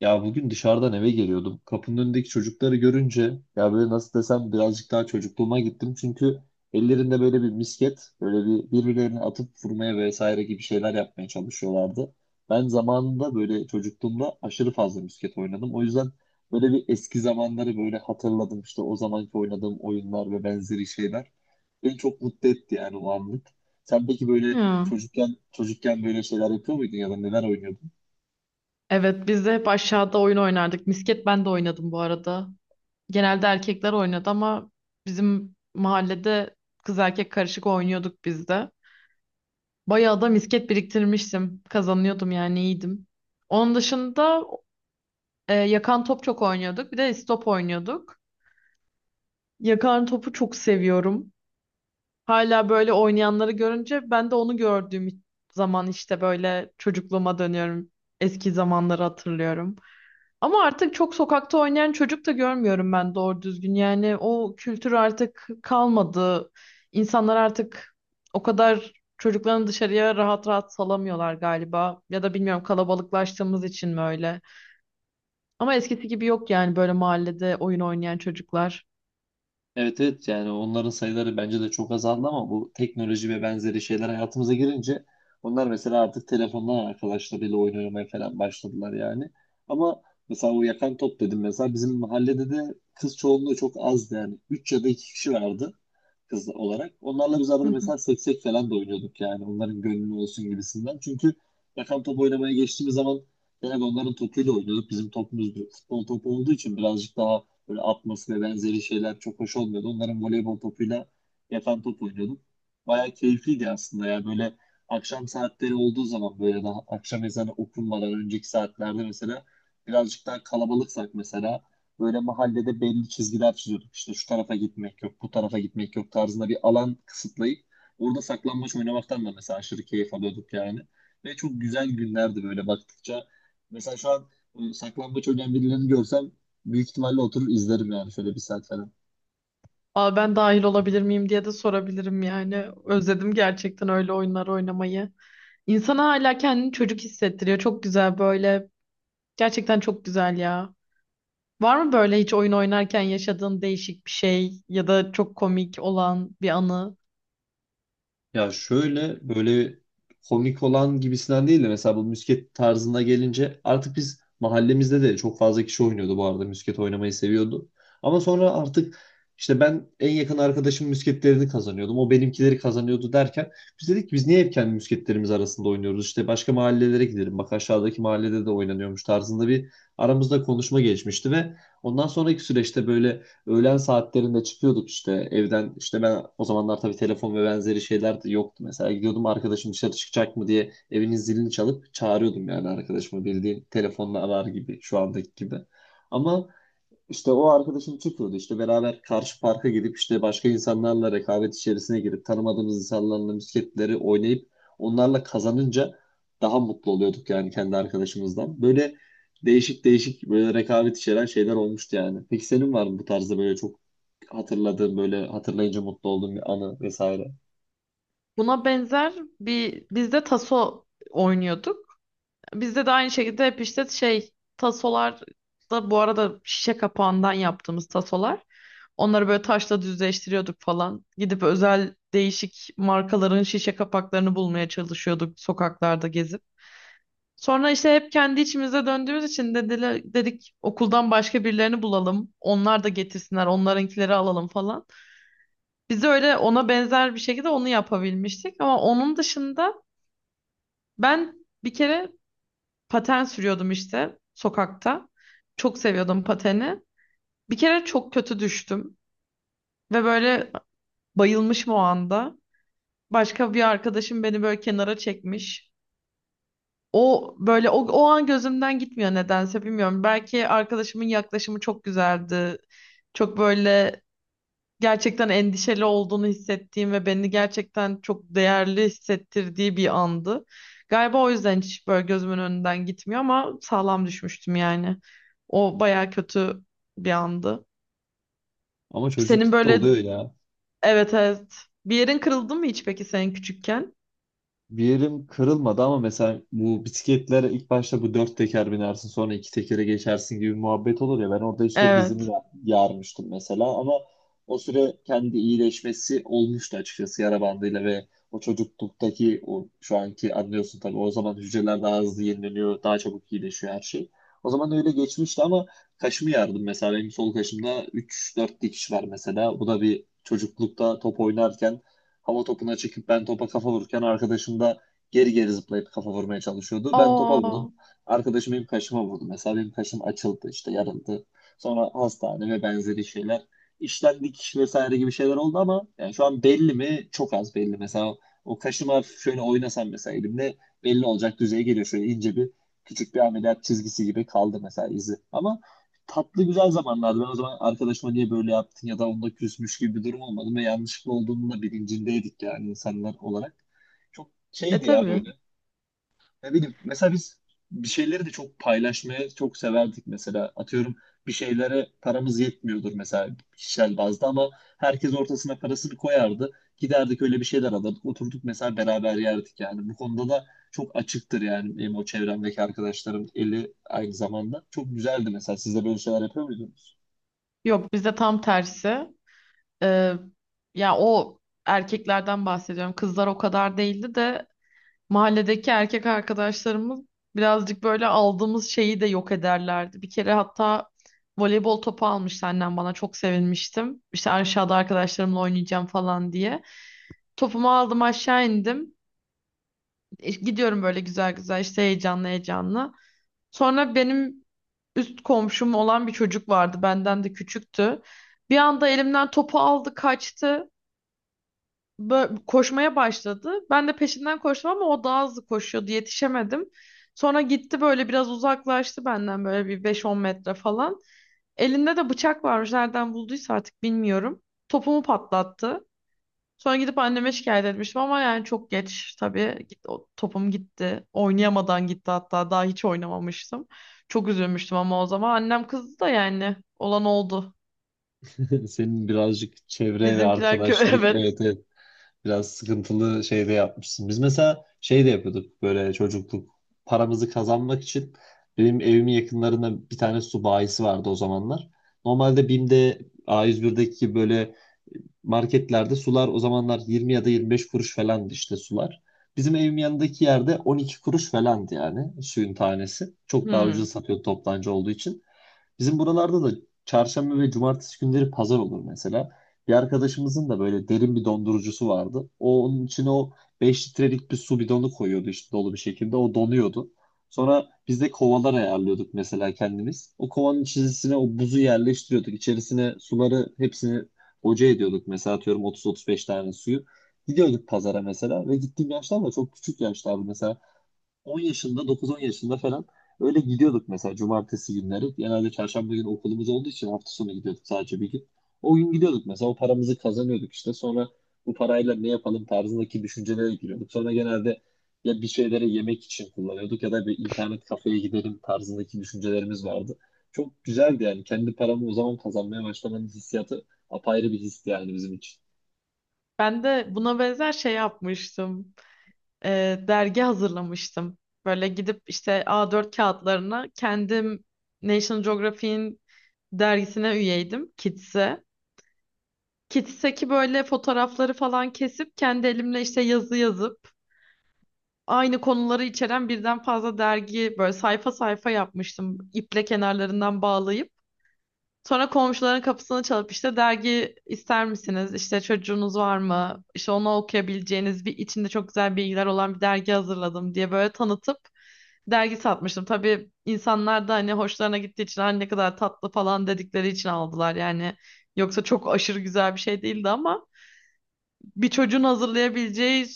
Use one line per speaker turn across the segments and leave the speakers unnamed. Ya bugün dışarıdan eve geliyordum. Kapının önündeki çocukları görünce ya böyle nasıl desem birazcık daha çocukluğuma gittim. Çünkü ellerinde böyle bir misket, böyle bir birbirlerine atıp vurmaya vesaire gibi şeyler yapmaya çalışıyorlardı. Ben zamanında böyle çocukluğumda aşırı fazla misket oynadım. O yüzden böyle bir eski zamanları böyle hatırladım. İşte o zamanki oynadığım oyunlar ve benzeri şeyler beni çok mutlu etti yani o anlık. Sen peki böyle
Ya.
çocukken böyle şeyler yapıyor muydun ya da neler oynuyordun?
Evet biz de hep aşağıda oyun oynardık. Misket ben de oynadım bu arada. Genelde erkekler oynadı ama bizim mahallede kız erkek karışık oynuyorduk biz de. Bayağı da misket biriktirmiştim. Kazanıyordum yani iyiydim. Onun dışında yakan top çok oynuyorduk. Bir de istop oynuyorduk. Yakan topu çok seviyorum. Hala böyle oynayanları görünce ben de onu gördüğüm zaman işte böyle çocukluğuma dönüyorum. Eski zamanları hatırlıyorum. Ama artık çok sokakta oynayan çocuk da görmüyorum ben doğru düzgün. Yani o kültür artık kalmadı. İnsanlar artık o kadar çocuklarını dışarıya rahat rahat salamıyorlar galiba. Ya da bilmiyorum kalabalıklaştığımız için mi öyle. Ama eskisi gibi yok yani böyle mahallede oyun oynayan çocuklar.
Evet evet, yani onların sayıları bence de çok azaldı ama bu teknoloji ve benzeri şeyler hayatımıza girince onlar mesela artık telefondan arkadaşlarıyla oyun oynamaya falan başladılar yani. Ama mesela o yakan top dedim, mesela bizim mahallede de kız çoğunluğu çok azdı yani. Üç ya da 2 kişi vardı kız olarak. Onlarla biz
Hı
arada
hı.
mesela seksek falan da oynuyorduk yani, onların gönlü olsun gibisinden. Çünkü yakan top oynamaya geçtiğimiz zaman genelde onların topuyla oynuyorduk. Bizim topumuz futbol topu olduğu için birazcık daha böyle atması ve benzeri şeyler çok hoş olmuyordu. Onların voleybol topuyla yakan top oynuyordum. Bayağı keyifliydi aslında ya. Böyle akşam saatleri olduğu zaman, böyle daha akşam ezanı okunmadan önceki saatlerde mesela birazcık daha kalabalıksak mesela böyle mahallede belli çizgiler çiziyorduk. İşte şu tarafa gitmek yok, bu tarafa gitmek yok tarzında bir alan kısıtlayıp orada saklambaç oynamaktan da mesela aşırı keyif alıyorduk yani. Ve çok güzel günlerdi böyle baktıkça. Mesela şu an saklambaç oynayan birilerini görsem büyük ihtimalle oturur izlerim yani, şöyle bir saat falan.
Aa, ben dahil olabilir miyim diye de sorabilirim yani. Özledim gerçekten öyle oyunlar oynamayı. İnsana hala kendini çocuk hissettiriyor. Çok güzel böyle. Gerçekten çok güzel ya. Var mı böyle hiç oyun oynarken yaşadığın değişik bir şey ya da çok komik olan bir anı?
Ya şöyle böyle komik olan gibisinden değil de mesela bu misket tarzına gelince, artık biz mahallemizde de çok fazla kişi oynuyordu bu arada, misket oynamayı seviyordu. Ama sonra artık işte ben en yakın arkadaşım misketlerini kazanıyordum. O benimkileri kazanıyordu derken biz dedik ki biz niye hep kendi misketlerimiz arasında oynuyoruz? İşte başka mahallelere gidelim. Bak aşağıdaki mahallede de oynanıyormuş tarzında bir aramızda konuşma geçmişti. Ve ondan sonraki süreçte böyle öğlen saatlerinde çıkıyorduk işte evden. İşte ben o zamanlar tabii telefon ve benzeri şeyler de yoktu. Mesela gidiyordum, arkadaşım dışarı çıkacak mı diye evinin zilini çalıp çağırıyordum yani arkadaşımı, bildiğin telefonla arar gibi şu andaki gibi. Ama işte o arkadaşım çıkıyordu. İşte beraber karşı parka gidip işte başka insanlarla rekabet içerisine girip tanımadığımız insanlarla misketleri oynayıp onlarla kazanınca daha mutlu oluyorduk yani kendi arkadaşımızdan. Böyle değişik değişik böyle rekabet içeren şeyler olmuştu yani. Peki senin var mı bu tarzda böyle çok hatırladığın, böyle hatırlayınca mutlu olduğun bir anı vesaire?
Buna benzer bir biz de taso oynuyorduk. Bizde de aynı şekilde hep işte şey tasolar da bu arada şişe kapağından yaptığımız tasolar. Onları böyle taşla düzleştiriyorduk falan. Gidip özel değişik markaların şişe kapaklarını bulmaya çalışıyorduk sokaklarda gezip. Sonra işte hep kendi içimize döndüğümüz için dediler, dedik okuldan başka birilerini bulalım. Onlar da getirsinler, onlarınkileri alalım falan. Biz de öyle ona benzer bir şekilde onu yapabilmiştik. Ama onun dışında ben bir kere paten sürüyordum işte sokakta. Çok seviyordum pateni. Bir kere çok kötü düştüm ve böyle bayılmışım o anda. Başka bir arkadaşım beni böyle kenara çekmiş. O böyle o an gözümden gitmiyor nedense bilmiyorum. Belki arkadaşımın yaklaşımı çok güzeldi. Çok böyle gerçekten endişeli olduğunu hissettiğim ve beni gerçekten çok değerli hissettirdiği bir andı. Galiba o yüzden hiç böyle gözümün önünden gitmiyor ama sağlam düşmüştüm yani. O baya kötü bir andı.
Ama
Senin
çocuklukta
böyle
oluyor ya.
evet, evet, bir yerin kırıldı mı hiç peki senin küçükken?
Bir yerim kırılmadı ama mesela bu bisikletlere ilk başta bu dört teker binersin, sonra iki tekere geçersin gibi muhabbet olur ya, ben orada işte dizimi
Evet.
yarmıştım mesela, ama o süre kendi iyileşmesi olmuştu açıkçası yara bandıyla. Ve o çocukluktaki, o şu anki, anlıyorsun tabii o zaman hücreler daha hızlı yenileniyor, daha çabuk iyileşiyor her şey. O zaman öyle geçmişti ama kaşımı yardım mesela, benim sol kaşımda üç dört dikiş var mesela. Bu da bir çocuklukta top oynarken hava topuna çekip ben topa kafa vururken arkadaşım da geri geri zıplayıp kafa vurmaya çalışıyordu. Ben topa
Aa,
vurdum. Arkadaşım benim kaşıma vurdu. Mesela benim kaşım açıldı, işte yarıldı. Sonra hastane ve benzeri şeyler. İşten dikiş vesaire gibi şeyler oldu ama yani şu an belli mi? Çok az belli. Mesela o kaşıma hafif şöyle oynasam mesela elimle, belli olacak düzeye geliyor. Şöyle ince bir, küçük bir ameliyat çizgisi gibi kaldı mesela izi. Ama tatlı güzel zamanlardı. Ben o zaman arkadaşıma niye böyle yaptın ya da onunla küsmüş gibi bir durum olmadı ve yanlışlıkla olduğunun da bilincindeydik yani insanlar olarak. Çok
e
şeydi ya,
tabii.
böyle ne bileyim, mesela biz bir şeyleri de çok paylaşmaya çok severdik mesela. Atıyorum bir şeylere paramız yetmiyordur mesela kişisel bazda, ama herkes ortasına parasını koyardı. Giderdik, öyle bir şeyler alırdık. Oturduk mesela beraber yerdik yani. Bu konuda da çok açıktır yani benim o çevremdeki arkadaşlarım eli aynı zamanda. Çok güzeldi mesela. Siz de böyle şeyler yapıyor muydunuz?
Yok bizde tam tersi. Ee, ya o erkeklerden bahsediyorum. Kızlar o kadar değildi de mahalledeki erkek arkadaşlarımız birazcık böyle aldığımız şeyi de yok ederlerdi. Bir kere hatta voleybol topu almıştı annem bana çok sevinmiştim. İşte aşağıda arkadaşlarımla oynayacağım falan diye. Topumu aldım aşağı indim. Gidiyorum böyle güzel güzel işte heyecanlı heyecanlı. Sonra benim üst komşum olan bir çocuk vardı. Benden de küçüktü. Bir anda elimden topu aldı kaçtı, koşmaya başladı. Ben de peşinden koştum ama o daha hızlı koşuyordu. Yetişemedim. Sonra gitti böyle biraz uzaklaştı benden böyle bir beş on metre falan. Elinde de bıçak varmış. Nereden bulduysa artık bilmiyorum. Topumu patlattı. Sonra gidip anneme şikayet etmiştim ama yani çok geç tabii. Git, o topum gitti. Oynayamadan gitti hatta. Daha hiç oynamamıştım. Çok üzülmüştüm ama o zaman annem kızdı da yani olan oldu.
Senin birazcık çevre ve
Bizimkiler
arkadaşlık,
evet.
evet evet, biraz sıkıntılı şey de yapmışsın. Biz mesela şey de yapıyorduk böyle çocukluk, paramızı kazanmak için benim evimin yakınlarında bir tane su bayisi vardı o zamanlar. Normalde BİM'de, A101'deki gibi böyle marketlerde sular o zamanlar 20 ya da 25 kuruş falandı işte sular. Bizim evim yanındaki yerde 12 kuruş falandı yani suyun tanesi. Çok daha
Hmm.
ucuz satıyor toptancı olduğu için. Bizim buralarda da çarşamba ve cumartesi günleri pazar olur mesela. Bir arkadaşımızın da böyle derin bir dondurucusu vardı. O onun içine o 5 litrelik bir su bidonu koyuyordu işte dolu bir şekilde. O donuyordu. Sonra biz de kovalar ayarlıyorduk mesela kendimiz. O kovanın içerisine o buzu yerleştiriyorduk. İçerisine suları hepsini boca ediyorduk. Mesela atıyorum 30-35 tane suyu. Gidiyorduk pazara mesela. Ve gittiğim yaşlar da çok küçük yaşlardı mesela. 10 yaşında, 9-10 yaşında falan öyle gidiyorduk mesela cumartesi günleri. Genelde çarşamba günü okulumuz olduğu için hafta sonu gidiyorduk, sadece bir gün. O gün gidiyorduk mesela, o paramızı kazanıyorduk işte. Sonra bu parayla ne yapalım tarzındaki düşüncelere giriyorduk. Sonra genelde ya bir şeylere yemek için kullanıyorduk, ya da bir internet kafeye gidelim tarzındaki düşüncelerimiz vardı. Çok güzeldi yani, kendi paramı o zaman kazanmaya başlamanın hissiyatı apayrı bir histi yani bizim için.
Ben de buna benzer şey yapmıştım. Dergi hazırlamıştım. Böyle gidip işte A4 kağıtlarına kendim National Geographic'in dergisine üyeydim, Kids'e. Kids'teki böyle fotoğrafları falan kesip kendi elimle işte yazı yazıp aynı konuları içeren birden fazla dergi böyle sayfa sayfa yapmıştım. İple kenarlarından bağlayıp. Sonra komşuların kapısını çalıp işte dergi ister misiniz? İşte çocuğunuz var mı? İşte onu okuyabileceğiniz bir içinde çok güzel bilgiler olan bir dergi hazırladım diye böyle tanıtıp dergi satmıştım. Tabii insanlar da hani hoşlarına gittiği için, "Ay ne kadar tatlı" falan dedikleri için aldılar yani. Yoksa çok aşırı güzel bir şey değildi ama bir çocuğun hazırlayabileceği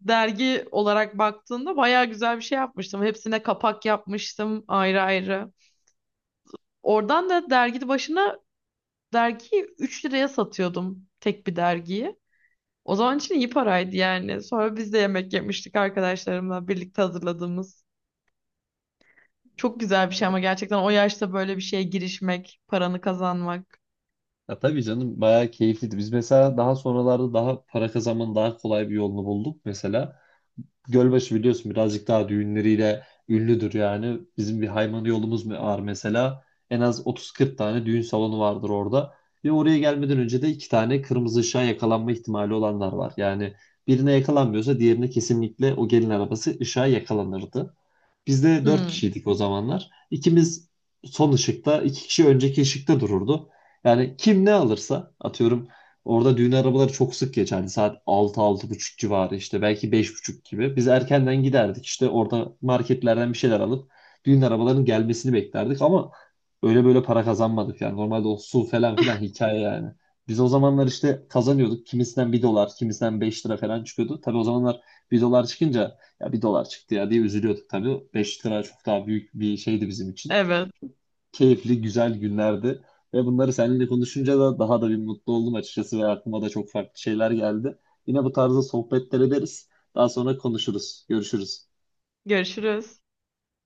dergi olarak baktığında bayağı güzel bir şey yapmıştım. Hepsine kapak yapmıştım ayrı ayrı. Oradan da dergi başına dergiyi 3 liraya satıyordum tek bir dergiyi. O zaman için iyi paraydı yani. Sonra biz de yemek yemiştik arkadaşlarımla birlikte hazırladığımız. Çok güzel
Bu
bir şey
arada
ama gerçekten o yaşta böyle bir şeye girişmek, paranı kazanmak.
ya tabii canım, bayağı keyifliydi. Biz mesela daha sonralarda daha para kazanmanın daha kolay bir yolunu bulduk. Mesela Gölbaşı biliyorsun birazcık daha düğünleriyle ünlüdür yani. Bizim bir Haymana yolumuz mu var mesela. En az 30-40 tane düğün salonu vardır orada. Ve oraya gelmeden önce de iki tane kırmızı ışığa yakalanma ihtimali olanlar var. Yani birine yakalanmıyorsa diğerine, kesinlikle o gelin arabası ışığa yakalanırdı. Biz de dört
Hmm.
kişiydik o zamanlar. İkimiz son ışıkta, iki kişi önceki ışıkta dururdu. Yani kim ne alırsa, atıyorum orada düğün arabaları çok sık geçerdi. Saat altı altı buçuk civarı işte, belki beş buçuk gibi. Biz erkenden giderdik işte, orada marketlerden bir şeyler alıp düğün arabalarının gelmesini beklerdik. Ama öyle böyle para kazanmadık yani. Normalde o su falan filan hikaye yani. Biz o zamanlar işte kazanıyorduk. Kimisinden 1 dolar, kimisinden 5 lira falan çıkıyordu. Tabii o zamanlar 1 dolar çıkınca, ya 1 dolar çıktı ya diye üzülüyorduk tabii. 5 lira çok daha büyük bir şeydi bizim için.
Evet.
Keyifli, güzel günlerdi. Ve bunları seninle konuşunca da daha da bir mutlu oldum açıkçası ve aklıma da çok farklı şeyler geldi. Yine bu tarzda sohbetler ederiz. Daha sonra konuşuruz. Görüşürüz.
Görüşürüz.